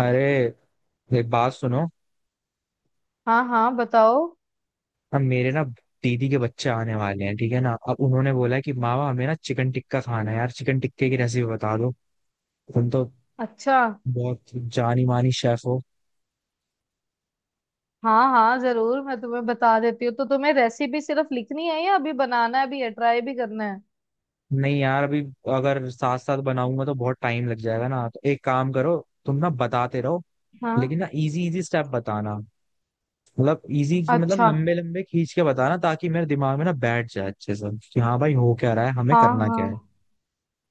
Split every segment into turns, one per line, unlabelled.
अरे, एक बात सुनो।
हाँ हाँ, बताओ।
अब मेरे ना दीदी के बच्चे आने वाले हैं, ठीक है ना। अब उन्होंने बोला है कि मामा हमें ना चिकन टिक्का खाना है यार, चिकन टिक्के की रेसिपी बता दो। तुम तो
अच्छा,
बहुत जानी मानी शेफ हो।
हाँ हाँ जरूर, मैं तुम्हें बता देती हूँ। तो तुम्हें रेसिपी सिर्फ लिखनी है या अभी बनाना भी है, ट्राई भी करना है?
नहीं यार, अभी अगर साथ साथ बनाऊंगा तो बहुत टाइम लग जाएगा ना, तो एक काम करो, तुम ना बताते रहो,
हाँ।
लेकिन ना इजी इजी स्टेप बताना। मतलब इजी मतलब
अच्छा।
लंबे लंबे खींच के बताना ताकि मेरे दिमाग में ना बैठ जाए अच्छे से कि हाँ भाई, हो क्या रहा है, हमें
हाँ
करना
हाँ।
क्या है।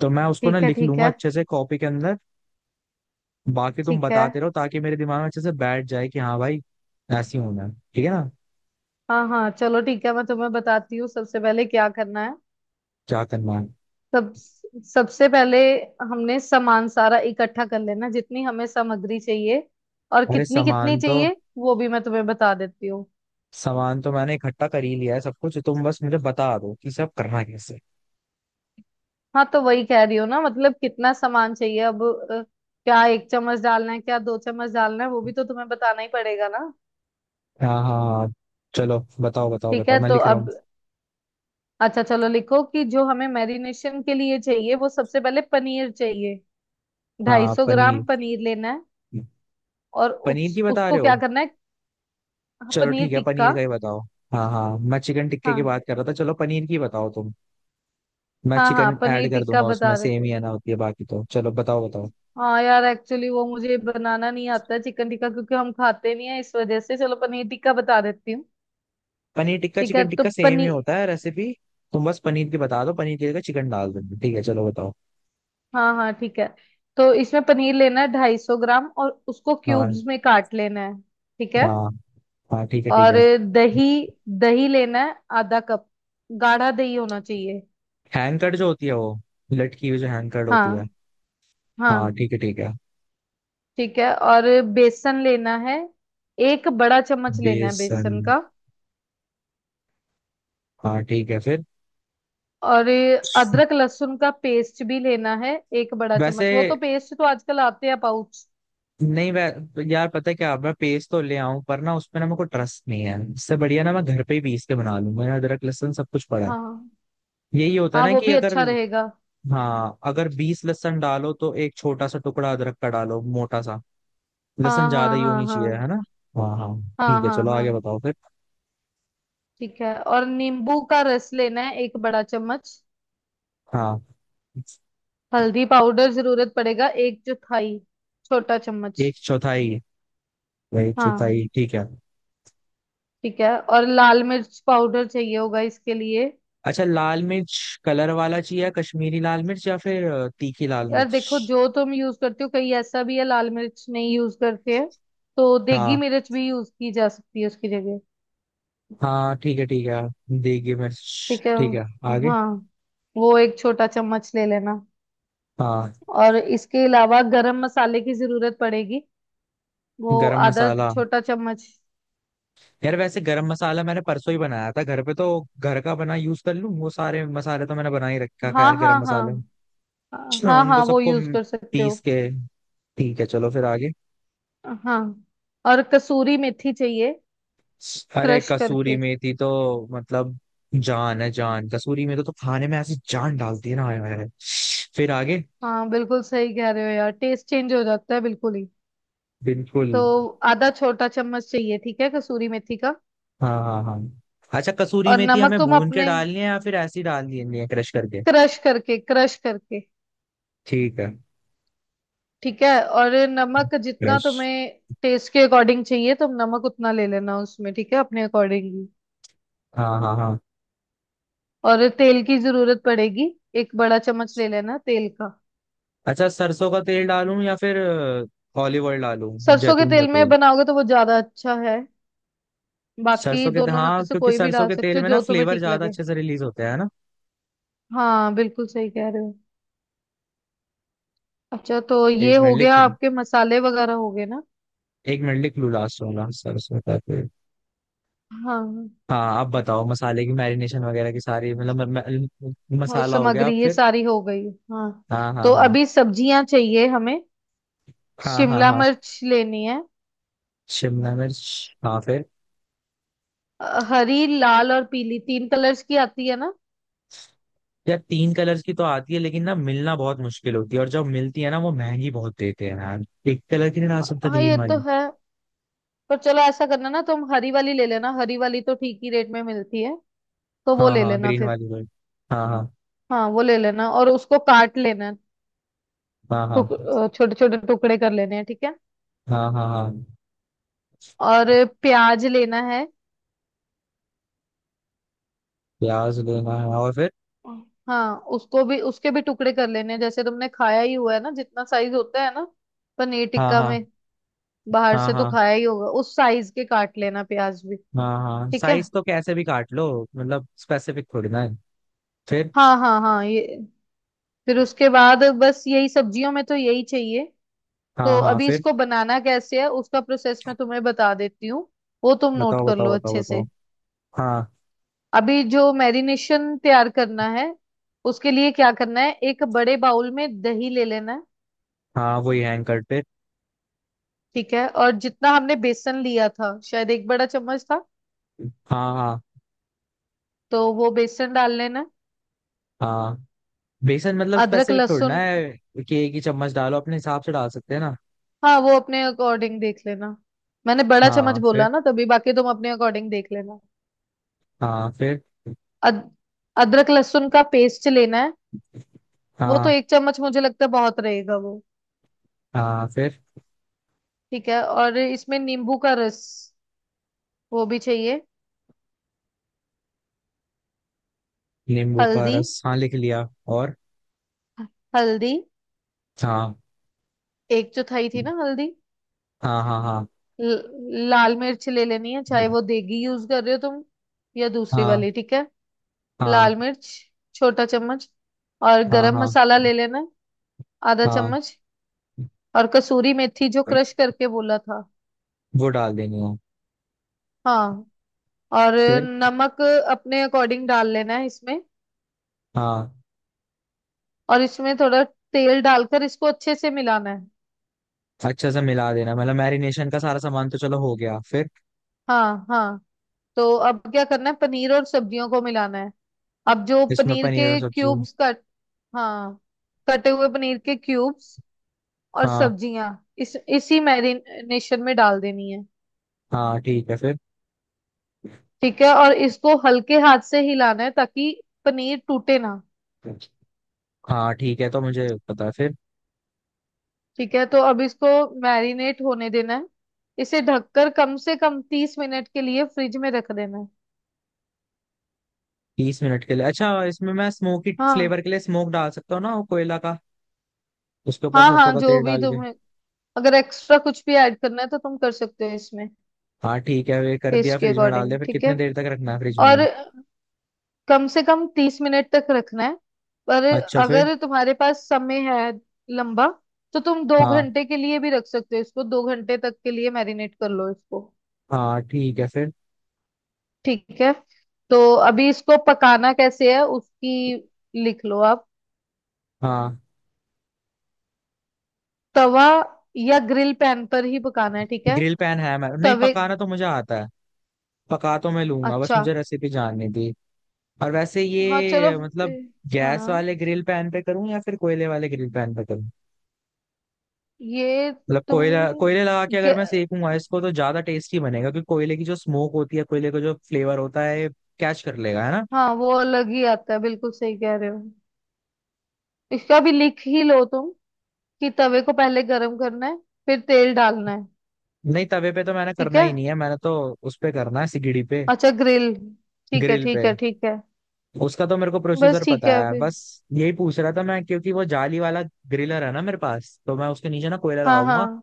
तो मैं उसको ना
ठीक है
लिख
ठीक
लूंगा
है।
अच्छे से कॉपी के अंदर। बाकी तुम
ठीक है,
बताते रहो ताकि मेरे दिमाग में अच्छे से बैठ जाए कि हाँ भाई, ऐसी होना है, ठीक है ना।
हाँ हाँ चलो ठीक है, मैं तुम्हें बताती हूँ। सबसे पहले क्या करना है?
क्या करना है?
सब सबसे पहले हमने सामान सारा इकट्ठा कर लेना, जितनी हमें सामग्री चाहिए। और
अरे,
कितनी कितनी चाहिए वो भी मैं तुम्हें बता देती हूँ।
सामान तो मैंने इकट्ठा कर ही लिया है सब कुछ। तुम बस मुझे बता दो कि सब करना कैसे है।
हाँ, तो वही कह रही हूँ ना। मतलब कितना सामान चाहिए अब। अ, क्या एक चम्मच डालना है, क्या दो चम्मच डालना है, वो भी तो तुम्हें बताना ही पड़ेगा ना।
हाँ, हाँ, हाँ, चलो बताओ, बताओ,
ठीक
बताओ,
है
मैं
तो
लिख रहा
अब
हूँ।
अच्छा चलो, लिखो कि जो हमें मैरिनेशन के लिए चाहिए, वो सबसे पहले पनीर चाहिए। ढाई
हाँ
सौ ग्राम
पनीर।
पनीर लेना है। और
पनीर की
उस,
बता
उसको
रहे
क्या
हो?
करना है? हाँ,
चलो
पनीर
ठीक है,
टिक्का।
पनीर का ही बताओ। हाँ हाँ, मैं चिकन टिक्के की
हाँ
बात कर रहा था। चलो पनीर की बताओ तुम। मैं
हाँ, हाँ
चिकन ऐड
पनीर
कर
टिक्का
दूंगा उसमें।
बता रहे
सेम ही
थे।
है ना होती है बाकी तो। चलो बताओ, बताओ।
हाँ यार, एक्चुअली वो मुझे बनाना नहीं आता चिकन टिक्का, क्योंकि हम खाते नहीं है, इस वजह से चलो पनीर टिक्का बता देती हूँ।
पनीर टिक्का
ठीक है,
चिकन
तो
टिक्का सेम ही
पनीर।
होता है रेसिपी। तुम बस पनीर की बता दो, पनीर की जगह चिकन डाल दो, ठीक है चलो बताओ।
हाँ हाँ ठीक है। तो इसमें पनीर लेना है 250 ग्राम, और उसको
हाँ,
क्यूब्स में काट लेना है। ठीक है।
हाँ, हाँ ठीक है, ठीक
और
है।
दही, दही लेना है आधा कप। गाढ़ा दही होना चाहिए।
हैंग कर्ड जो होती है, वो लटकी हुई जो हैंग कर्ड होती है।
हाँ
हाँ
हाँ।
ठीक है, ठीक है।
ठीक है और बेसन लेना है, एक बड़ा चम्मच लेना है
बेसन,
बेसन का।
हाँ ठीक है फिर।
और अदरक लहसुन का पेस्ट भी लेना है, एक बड़ा चम्मच।
वैसे
वो तो पेस्ट तो आजकल आते हैं पाउच।
नहीं, यार पता है क्या, मैं पेस्ट तो ले आऊं पर ना उसमें ना मेरे को ट्रस्ट नहीं है। इससे बढ़िया ना मैं घर पे ही पीस के बना लूंगा, यहाँ अदरक लहसुन सब कुछ पड़ा है।
हाँ
यही होता है
हाँ,
ना
वो
कि
भी
अगर।
अच्छा रहेगा।
हाँ, अगर 20 लहसुन डालो तो एक छोटा सा टुकड़ा अदरक का डालो, मोटा सा। लहसुन
हाँ
ज्यादा
हाँ
ही
हाँ
होनी चाहिए, है
हाँ।
ना। हाँ हाँ
हाँ
ठीक है,
हाँ
चलो
हाँ।
आगे बताओ फिर।
ठीक है, और नींबू का रस लेना है एक बड़ा चम्मच।
हाँ
हल्दी पाउडर जरूरत पड़ेगा, एक चौथाई छोटा चम्मच।
एक चौथाई, एक
हाँ
चौथाई ठीक है।
ठीक है, और लाल मिर्च पाउडर चाहिए होगा इसके लिए।
अच्छा लाल मिर्च, कलर वाला चाहिए कश्मीरी लाल मिर्च या फिर तीखी लाल
यार देखो,
मिर्च?
जो तुम यूज करते हो, कहीं ऐसा भी है लाल मिर्च नहीं यूज करते हैं, तो देगी
हाँ
मिर्च भी यूज की जा सकती है उसकी जगह।
हाँ ठीक है, ठीक है। देगी मिर्च
ठीक है।
ठीक है। आगे।
हाँ, वो एक छोटा चम्मच ले लेना।
हाँ
और इसके अलावा गरम मसाले की जरूरत पड़ेगी, वो
गरम
आधा
मसाला,
छोटा चम्मच।
यार वैसे गरम मसाला मैंने परसों ही बनाया था घर पे तो। घर का बना यूज कर लूँ, वो सारे मसाले तो मैंने बना ही रखा
हाँ
खैर गरम
हाँ
मसाले।
हाँ। हाँ
उनको
हाँ वो
सबको
यूज कर सकते
पीस
हो।
के। ठीक है चलो फिर आगे।
हाँ। और कसूरी मेथी चाहिए,
अरे
क्रश
कसूरी
करके।
मेथी तो मतलब जान है जान, कसूरी मेथी तो खाने में ऐसी जान डालती है ना, आया है। फिर आगे।
हाँ बिल्कुल सही कह रहे हो यार, टेस्ट चेंज हो जाता है बिल्कुल ही।
बिल्कुल।
तो आधा छोटा चम्मच चाहिए, ठीक है, कसूरी मेथी का।
हाँ, हाँ, हाँ। अच्छा कसूरी
और
मेथी
नमक
हमें
तुम
भून के
अपने,
डालनी है या फिर ऐसी डालनी है क्रश करके?
क्रश करके क्रश करके।
ठीक है।
ठीक है, और नमक जितना
क्रश।
तुम्हें टेस्ट के अकॉर्डिंग चाहिए तुम नमक उतना ले लेना उसमें, ठीक है, अपने अकॉर्डिंग ही।
हाँ, हाँ, हाँ।
और तेल की जरूरत पड़ेगी, एक बड़ा चम्मच ले लेना तेल का।
अच्छा सरसों का तेल डालूं या फिर ऑलिव ऑयल डालूं,
सरसों के
जैतून का
तेल में
तेल?
बनाओगे तो वो ज्यादा अच्छा है। बाकी
सरसों के,
दोनों में
हाँ
से
क्योंकि
कोई भी
सरसों
डाल
के
सकते
तेल
हो
में ना
जो तुम्हें
फ्लेवर
ठीक
ज्यादा
लगे।
अच्छे से रिलीज होता है ना।
हाँ बिल्कुल सही कह रहे हो। अच्छा, तो ये
एक मिनट
हो गया,
लिख,
आपके मसाले वगैरह हो गए ना।
एक मिनट लिख लूँ लास्ट वाला सरसों का तेल।
हाँ,
हाँ आप बताओ, मसाले की मैरिनेशन वगैरह की सारी मतलब
और
मसाला हो गया
सामग्री
आप
ये
फिर।
सारी हो गई। हाँ।
हाँ, हाँ,
तो
हाँ,
अभी सब्जियां चाहिए हमें।
हाँ, हाँ,
शिमला
हाँ।
मिर्च लेनी है।
शिमला मिर्च, हाँ फिर।
हरी, लाल और पीली, तीन कलर्स की आती है ना।
यार तीन कलर्स की तो आती है लेकिन ना मिलना बहुत मुश्किल होती है, और जब मिलती है ना वो महंगी बहुत देते हैं यार। एक कलर की नहीं ला सकता,
हाँ
ग्रीन
ये तो
वाली।
है, पर चलो ऐसा करना ना, तुम हरी वाली ले लेना, हरी वाली तो ठीक ही रेट में मिलती है, तो वो
हाँ
ले
हाँ,
लेना
ग्रीन
फिर।
वाली भी। हाँ, हाँ,
हाँ वो ले लेना, और उसको काट लेना है।
हाँ, हाँ,
टुक छोटे छोटे टुकड़े कर लेने हैं, ठीक है।
हाँ, हाँ, हाँ।
और प्याज लेना है।
प्याज लेना है और फिर?
हाँ, उसको भी उसके भी टुकड़े कर लेने हैं, जैसे तुमने खाया ही हुआ है ना, जितना साइज होता है ना, पनीर
हाँ,
टिक्का में।
हाँ,
बाहर
हाँ,
से तो
हाँ,
खाया ही होगा, उस साइज के काट लेना प्याज भी।
हाँ, हाँ
ठीक है।
साइज तो कैसे भी काट लो, मतलब स्पेसिफिक थोड़ी ना है। फिर।
हाँ हाँ हाँ, ये। फिर उसके बाद बस यही, सब्जियों में तो यही चाहिए।
हाँ,
तो
हाँ
अभी
फिर।
इसको बनाना कैसे है, उसका प्रोसेस मैं तुम्हें बता देती हूँ, वो तुम नोट
बताओ,
कर लो
बताओ, बताओ,
अच्छे
बताओ।
से।
हाँ,
अभी जो मैरिनेशन तैयार करना है, उसके लिए क्या करना है, एक बड़े बाउल में दही ले लेना है।
हाँ वही हैंग करते।
ठीक है। और जितना हमने बेसन लिया था, शायद एक बड़ा चम्मच था,
हाँ, हाँ,
तो वो बेसन डाल लेना है।
हाँ बेसन मतलब
अदरक
स्पेसिफिक थोड़ना
लहसुन।
है कि एक ही चम्मच डालो, अपने हिसाब से डाल सकते हैं ना।
हाँ वो अपने अकॉर्डिंग देख लेना। मैंने बड़ा चम्मच
हाँ फिर।
बोला ना तभी, बाकी तुम अपने अकॉर्डिंग देख लेना।
हाँ फिर।
अद, अदरक लहसुन का पेस्ट लेना है। वो तो
हाँ,
एक चम्मच मुझे लगता है बहुत रहेगा वो।
हाँ फिर।
ठीक है, और इसमें नींबू का रस, वो भी चाहिए।
नींबू का
हल्दी।
रस, हाँ लिख लिया। और।
हल्दी।
हाँ,
एक चौथाई थी ना हल्दी।
हाँ, हाँ, हाँ,
ल, लाल मिर्च ले लेनी है, चाहे वो देगी यूज कर रहे हो तुम या दूसरी
हाँ,
वाली, ठीक है।
हाँ,
लाल मिर्च, छोटा चम्मच। और
हाँ,
गरम
हाँ,
मसाला ले लेना है, आधा
हाँ
चम्मच। और कसूरी मेथी जो क्रश करके बोला था।
वो डाल देनी है।
हाँ। और
फिर।
नमक अपने अकॉर्डिंग डाल लेना है इसमें।
हाँ
और इसमें थोड़ा तेल डालकर इसको अच्छे से मिलाना है।
अच्छा सा मिला देना, मतलब मैरिनेशन का सारा सामान तो चलो हो गया फिर।
हाँ हाँ। तो अब क्या करना है, पनीर और सब्जियों को मिलाना है। अब जो
इसमें
पनीर
पनीर और
के
सब्जी।
क्यूब्स, हाँ, कटे हुए पनीर के क्यूब्स और
हाँ,
सब्जियां इस इसी मैरिनेशन में डाल देनी है।
हाँ ठीक है फिर।
ठीक है, और इसको हल्के हाथ से हिलाना है, ताकि पनीर टूटे ना।
हाँ ठीक है, तो मुझे पता है फिर।
ठीक है, तो अब इसको मैरिनेट होने देना है। इसे ढककर कम से कम 30 मिनट के लिए फ्रिज में रख देना है।
30 मिनट के लिए, अच्छा इसमें मैं स्मोकी
हाँ
फ्लेवर के लिए स्मोक डाल सकता हूँ ना, वो कोयला का। उसके ऊपर
हाँ,
सरसों
हाँ
का
जो
तेल
भी
डाल के।
तुम्हें, अगर एक्स्ट्रा कुछ भी ऐड करना है तो तुम कर सकते हो इसमें।
हाँ ठीक है, वे कर दिया
टेस्ट के
फ्रिज में डाल
अकॉर्डिंग
दिया, फिर
ठीक
कितने
है।
देर तक रखना है फ्रिज में वो?
और कम से कम 30 मिनट तक रखना है, पर
अच्छा फिर।
अगर तुम्हारे पास समय है लंबा, तो तुम दो
हाँ,
घंटे के लिए भी रख सकते हो। इसको 2 घंटे तक के लिए मैरिनेट कर लो इसको।
हाँ ठीक है फिर।
ठीक है। तो अभी इसको पकाना कैसे है उसकी लिख लो आप।
हाँ,
तवा या ग्रिल पैन पर ही पकाना है, ठीक है।
ग्रिल पैन है, मैं नहीं
तवे।
पकाना तो मुझे आता है। पका तो मैं लूंगा, बस
अच्छा।
मुझे रेसिपी जाननी थी। और वैसे
हाँ चलो।
ये
ए,
मतलब गैस
हाँ
वाले ग्रिल पैन पे करूँ या फिर कोयले वाले ग्रिल पैन पे?
ये,
मतलब
तुम,
कोयला, कोयले लगा के अगर
गे-
मैं सेकूंगा इसको तो ज्यादा टेस्टी बनेगा, क्योंकि कोयले की जो स्मोक होती है, कोयले का जो फ्लेवर होता है, कैच कर लेगा, है ना।
हाँ, वो अलग ही आता है, बिल्कुल सही कह रहे हो। इसका भी लिख ही लो तुम, कि तवे को पहले गरम करना है, फिर तेल डालना है।
नहीं तवे पे तो मैंने
ठीक
करना
है।
ही नहीं है, मैंने तो उस पे करना है, सिगड़ी पे।
अच्छा ग्रिल। ठीक है
ग्रिल
ठीक
पे।
है ठीक है।
उसका तो मेरे को
बस
प्रोसीजर
ठीक
पता
है
है,
फिर।
बस यही पूछ रहा था मैं। क्योंकि वो जाली वाला ग्रिलर है ना मेरे पास, तो मैं उसके नीचे ना कोयला
हाँ
लगाऊंगा,
हाँ।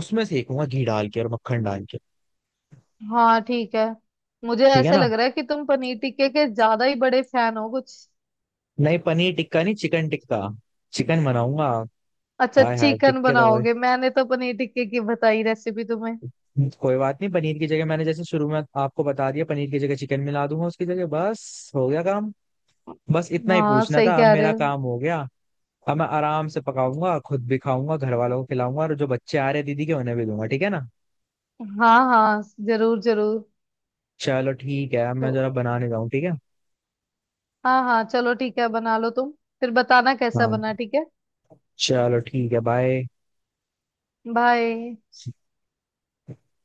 उसमें सेकूंगा घी डाल के और मक्खन डाल के।
हाँ ठीक है। मुझे
ठीक है
ऐसा
ना।
लग रहा है कि तुम पनीर टिक्के के ज्यादा ही बड़े फैन हो कुछ।
नहीं पनीर टिक्का नहीं, चिकन टिक्का, चिकन बनाऊंगा।
अच्छा
हाय हाय
चिकन
टिक्के तो।
बनाओगे, मैंने तो पनीर टिक्के की बताई रेसिपी तुम्हें।
कोई बात नहीं, पनीर की जगह मैंने जैसे शुरू में आपको बता दिया, पनीर की जगह चिकन मिला दूंगा उसकी जगह, बस हो गया काम। बस इतना ही
हाँ
पूछना
सही
था, अब
कह रहे
मेरा
हो।
काम हो गया। अब मैं आराम से पकाऊंगा, खुद भी खाऊंगा, घर वालों को खिलाऊंगा, और जो बच्चे आ रहे हैं दीदी के उन्हें भी दूंगा, ठीक है ना।
हाँ हाँ, जरूर जरूर।
चलो ठीक है, अब मैं जरा
तो-
बनाने जाऊँ, ठीक है।
हाँ हाँ चलो ठीक है, बना लो तुम। फिर बताना कैसा
हाँ,
बना, ठीक है।
चलो ठीक है, बाय।
बाय।